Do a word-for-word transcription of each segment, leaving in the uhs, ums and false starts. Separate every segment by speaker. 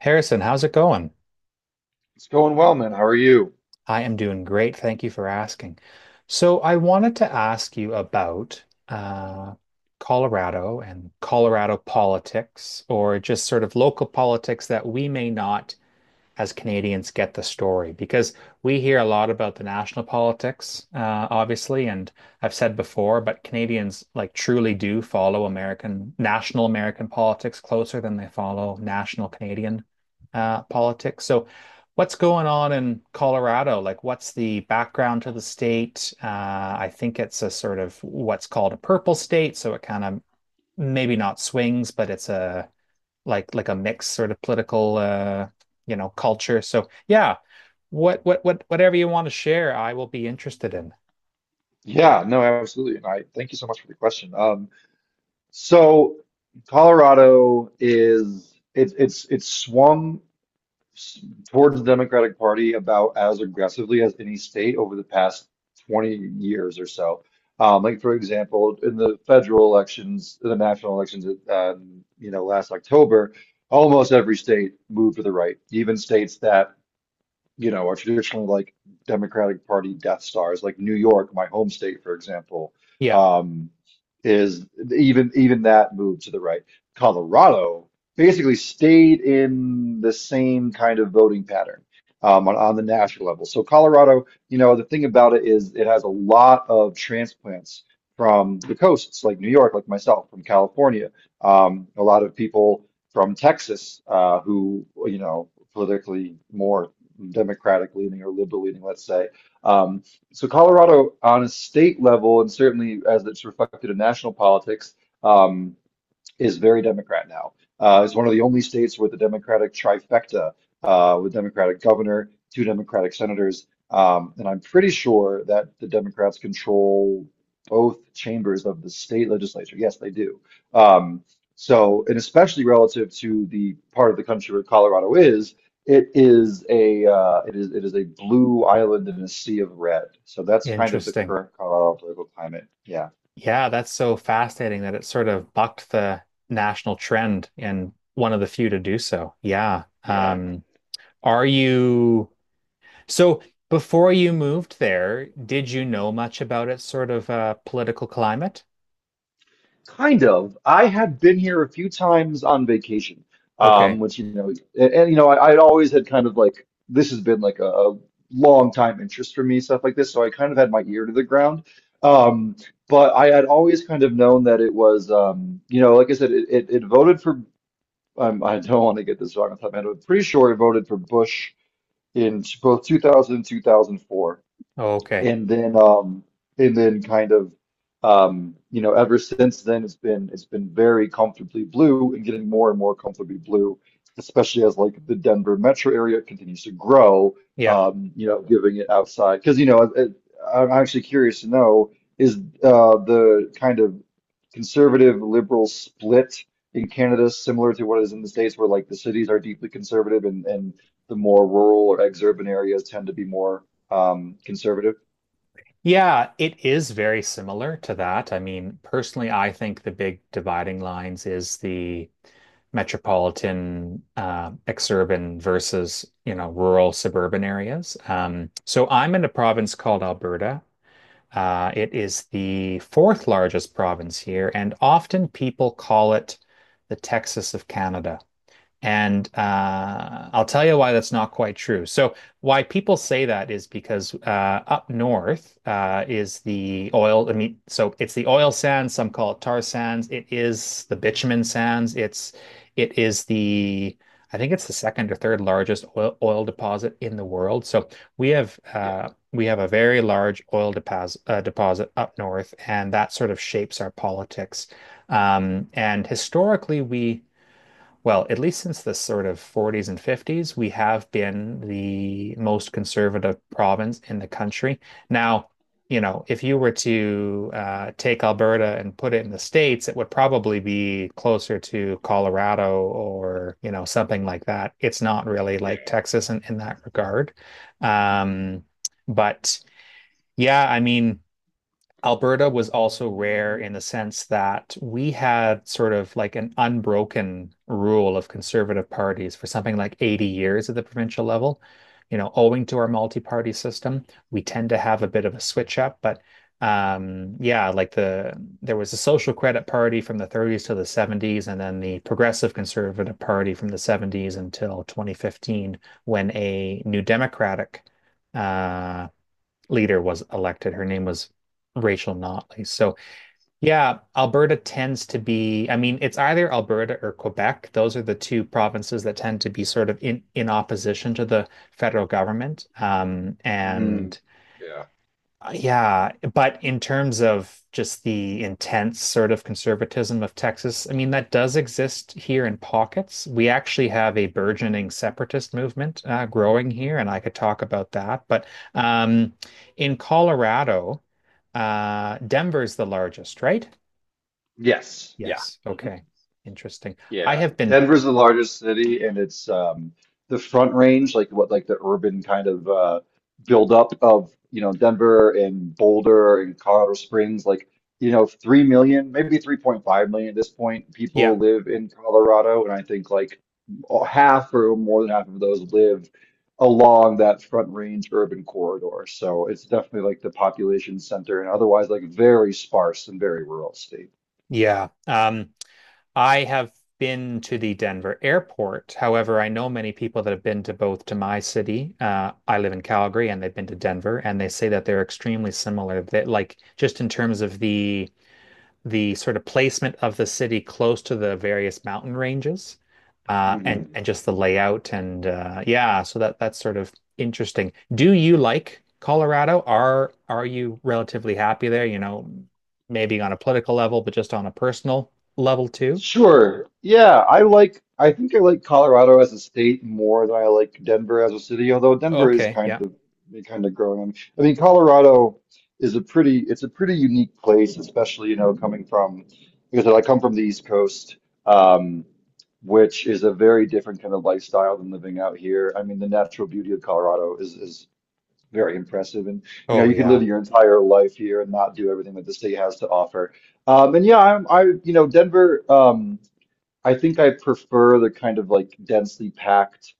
Speaker 1: Harrison, how's it going?
Speaker 2: It's going well, man. How are you?
Speaker 1: I am doing great. Thank you for asking. So, I wanted to ask you about uh, Colorado and Colorado politics, or just sort of local politics that we may not as Canadians get the story, because we hear a lot about the national politics, uh, obviously, and I've said before, but Canadians like truly do follow American national American politics closer than they follow national Canadian uh, politics. So, what's going on in Colorado? Like, what's the background to the state? Uh, I think it's a sort of what's called a purple state, so it kind of maybe not swings, but it's a like like a mixed sort of political uh, you know, culture. So yeah, what what what whatever you want to share, I will be interested in.
Speaker 2: Yeah, no, absolutely. And I thank you so much for the question. Um, so Colorado is it's it's it's swung s- towards the Democratic Party about as aggressively as any state over the past twenty years or so. Um, like for example, in the federal elections, the national elections, um, you know, last October, almost every state moved to the right, even states that you know, are traditionally like Democratic Party death stars, like New York, my home state, for example,
Speaker 1: Yeah,
Speaker 2: um, is even even that moved to the right. Colorado basically stayed in the same kind of voting pattern um, on, on the national level. So Colorado, you know, the thing about it is it has a lot of transplants from the coasts, like New York, like myself, from California, um, a lot of people from Texas uh, who, you know, politically more Democratic leaning or liberal leaning, let's say. Um, so Colorado, on a state level, and certainly as it's reflected in national politics, um, is very Democrat now. Uh, it's one of the only states with a Democratic trifecta, uh, with Democratic governor, two Democratic senators, um, and I'm pretty sure that the Democrats control both chambers of the state legislature. Yes, they do. Um, so, and especially relative to the part of the country where Colorado is, it is a uh, it is it is a blue island in a sea of red. So that's kind of the
Speaker 1: interesting.
Speaker 2: current Colorado political climate. Yeah.
Speaker 1: Yeah, that's so fascinating that it sort of bucked the national trend and one of the few to do so. Yeah.
Speaker 2: Yeah.
Speaker 1: Um, are you so before you moved there, did you know much about its sort of uh, political climate?
Speaker 2: Kind of. I had been here a few times on vacation,
Speaker 1: Okay.
Speaker 2: um, which you know, and, and, you know, I, I'd always had kind of like this has been like a, a long time interest for me, stuff like this. So I kind of had my ear to the ground. Um, but I had always kind of known that it was, um, you know, like I said, it, it, it voted for. Um, I don't want to get this wrong off the top of my head, but I'm pretty sure it voted for Bush in both two thousand and two thousand four
Speaker 1: Okay.
Speaker 2: and then um and then kind of um you know ever since then it's been it's been very comfortably blue and getting more and more comfortably blue, especially as like the Denver metro area continues to grow.
Speaker 1: Yeah.
Speaker 2: um you know giving it outside because you know it, I'm actually curious to know, is uh the kind of conservative liberal split in Canada similar to what is in the States, where like the cities are deeply conservative, and and the more rural or exurban areas tend to be more um conservative?
Speaker 1: Yeah, it is very similar to that. I mean, personally, I think the big dividing lines is the metropolitan, uh, exurban versus, you know, rural suburban areas. Um, so I'm in a province called Alberta. Uh, it is the fourth largest province here, and often people call it the Texas of Canada. And uh, I'll tell you why that's not quite true. So, why people say that is because uh, up north uh, is the oil. I mean, so it's the oil sands. Some call it tar sands. It is the bitumen sands. It's it is the I think it's the second or third largest oil, oil deposit in the world. So we have
Speaker 2: Yeah.
Speaker 1: uh, we have a very large oil deposit uh, deposit up north, and that sort of shapes our politics. Um, and historically, we well, at least since the sort of forties and fifties, we have been the most conservative province in the country. Now, you know, if you were to uh, take Alberta and put it in the States, it would probably be closer to Colorado or, you know, something like that. It's not really
Speaker 2: Yeah.
Speaker 1: like Texas in, in that regard. Um, but yeah, I mean, Alberta was also rare in the sense that we had sort of like an unbroken rule of conservative parties for something like eighty years at the provincial level. You know, owing to our multi-party system, we tend to have a bit of a switch up, but um, yeah, like the there was a Social Credit Party from the thirties to the seventies, and then the Progressive Conservative Party from the seventies until twenty fifteen, when a New Democratic uh, leader was elected. Her name was Rachel Notley. So, yeah, Alberta tends to be, I mean, it's either Alberta or Quebec. Those are the two provinces that tend to be sort of in, in opposition to the federal government. Um,
Speaker 2: Mm,
Speaker 1: and
Speaker 2: yeah.
Speaker 1: uh, yeah, but in terms of just the intense sort of conservatism of Texas, I mean, that does exist here in pockets. We actually have a burgeoning separatist movement uh, growing here, and I could talk about that. But um, in Colorado, uh, Denver's the largest, right?
Speaker 2: Yes. Yeah.
Speaker 1: Yes.
Speaker 2: Mm-hmm.
Speaker 1: Okay. Interesting. I
Speaker 2: Yeah,
Speaker 1: have been,
Speaker 2: Denver's the largest city, and it's um, the Front Range, like what, like the urban kind of uh, buildup of you know Denver and Boulder and Colorado Springs. Like you know, three million, maybe three point five million at this point,
Speaker 1: yeah,
Speaker 2: people live in Colorado, and I think like half or more than half of those live along that Front Range urban corridor. So it's definitely like the population center, and otherwise like very sparse and very rural state.
Speaker 1: yeah. Um, I have been to the Denver airport. However, I know many people that have been to both to my city. Uh, I live in Calgary, and they've been to Denver, and they say that they're extremely similar. That like just in terms of the the sort of placement of the city close to the various mountain ranges, uh, and and just the layout and uh, yeah. So that that's sort of interesting. Do you like Colorado? Are are you relatively happy there? You know, maybe on a political level, but just on a personal level too.
Speaker 2: Sure. Yeah, I like I think I like Colorado as a state more than I like Denver as a city, although Denver is
Speaker 1: Okay.
Speaker 2: kind
Speaker 1: Yeah.
Speaker 2: of kind of growing on. I mean, Colorado is a pretty it's a pretty unique place, especially, you know, coming from because I come from the East Coast, um, which is a very different kind of lifestyle than living out here. I mean, the natural beauty of Colorado is is very impressive. And you know,
Speaker 1: Oh,
Speaker 2: you could
Speaker 1: yeah.
Speaker 2: live your entire life here and not do everything that the state has to offer. Um, and yeah, I'm I you know, Denver, um I think I prefer the kind of like densely packed,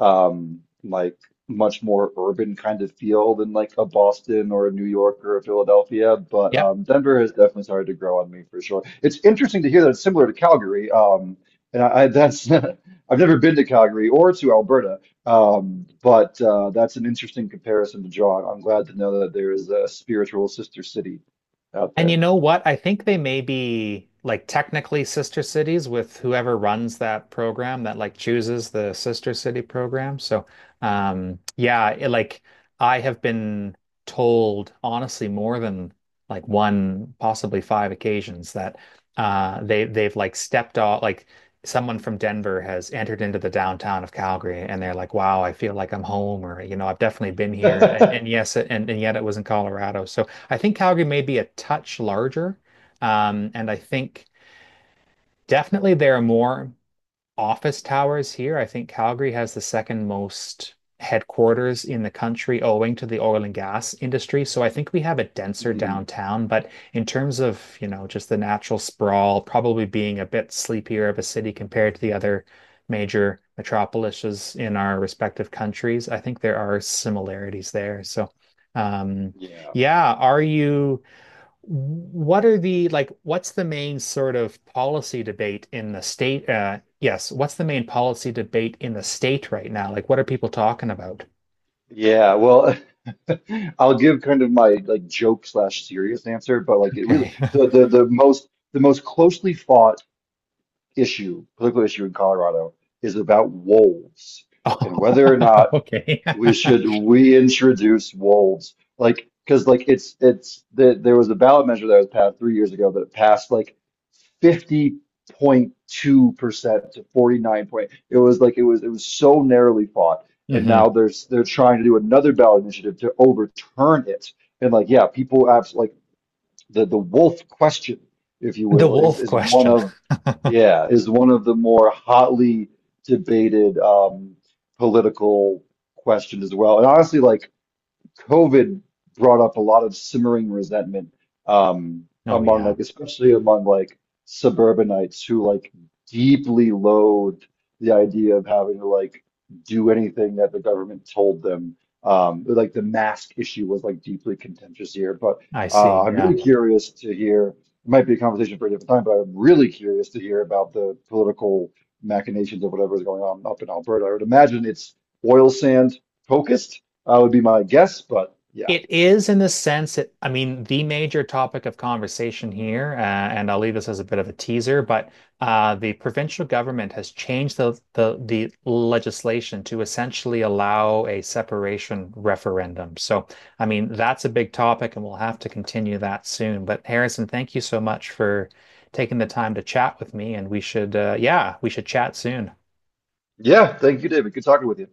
Speaker 2: um, like much more urban kind of feel than like a Boston or a New York or a Philadelphia. But
Speaker 1: Yeah.
Speaker 2: um, Denver has definitely started to grow on me for sure. It's interesting to hear that it's similar to Calgary. Um, and I, I that's I've never been to Calgary or to Alberta. Um, but uh, that's an interesting comparison to draw. I'm glad to know that there is a spiritual sister city out
Speaker 1: And you
Speaker 2: there.
Speaker 1: know what? I think they may be like technically sister cities with whoever runs that program that like chooses the sister city program. So, um, yeah, it, like I have been told honestly more than like one, possibly five occasions that uh, they they've like stepped off, like someone from Denver has entered into the downtown of Calgary and they're like, wow, I feel like I'm home, or you know, I've definitely been here, and and yes, and, and yet it was in Colorado. So. I think Calgary may be a touch larger. Um, and I think definitely there are more office towers here. I think Calgary has the second most headquarters in the country owing to the oil and gas industry. So I think we have a denser
Speaker 2: Mhm.
Speaker 1: downtown, but in terms of, you know, just the natural sprawl, probably being a bit sleepier of a city compared to the other major metropolises in our respective countries, I think there are similarities there. So um
Speaker 2: Yeah.
Speaker 1: yeah, are you what are the like what's the main sort of policy debate in the state uh yes, what's the main policy debate in the state right now? Like, what are people talking about?
Speaker 2: Yeah, well, I'll give kind of my like joke slash serious answer, but like it really
Speaker 1: Okay.
Speaker 2: the the the most the most closely fought issue, political issue in Colorado is about wolves
Speaker 1: Oh,
Speaker 2: and whether or not
Speaker 1: okay.
Speaker 2: we should reintroduce wolves, like because like it's it's the, there was a ballot measure that was passed three years ago that passed like fifty point two percent to forty nine point. It was like it was it was so narrowly fought, and now
Speaker 1: Hmm.
Speaker 2: there's they're trying to do another ballot initiative to overturn it. And like yeah, people absolutely the the wolf question, if you
Speaker 1: The
Speaker 2: will, is
Speaker 1: wolf
Speaker 2: is one
Speaker 1: question.
Speaker 2: of, yeah, is one of the more hotly debated um, political questions as well. And honestly, like COVID brought up a lot of simmering resentment um,
Speaker 1: Oh
Speaker 2: among
Speaker 1: yeah,
Speaker 2: like especially among like suburbanites who like deeply loathed the idea of having to like do anything that the government told them. Um, like the mask issue was like deeply contentious here, but
Speaker 1: I
Speaker 2: uh,
Speaker 1: see.
Speaker 2: I'm
Speaker 1: Yeah.
Speaker 2: really curious to hear. It might be a conversation for a different time, but I'm really curious to hear about the political machinations of whatever is going on up in Alberta. I would imagine it's oil sand focused, uh, would be my guess. But yeah,
Speaker 1: It is, in the sense that, I mean, the major topic of conversation here, uh, and I'll leave this as a bit of a teaser, but uh, the provincial government has changed the, the the legislation to essentially allow a separation referendum. So, I mean, that's a big topic, and we'll have to continue that soon. But Harrison, thank you so much for taking the time to chat with me, and we should, uh, yeah, we should chat soon.
Speaker 2: yeah. Thank you, David. Good talking with you.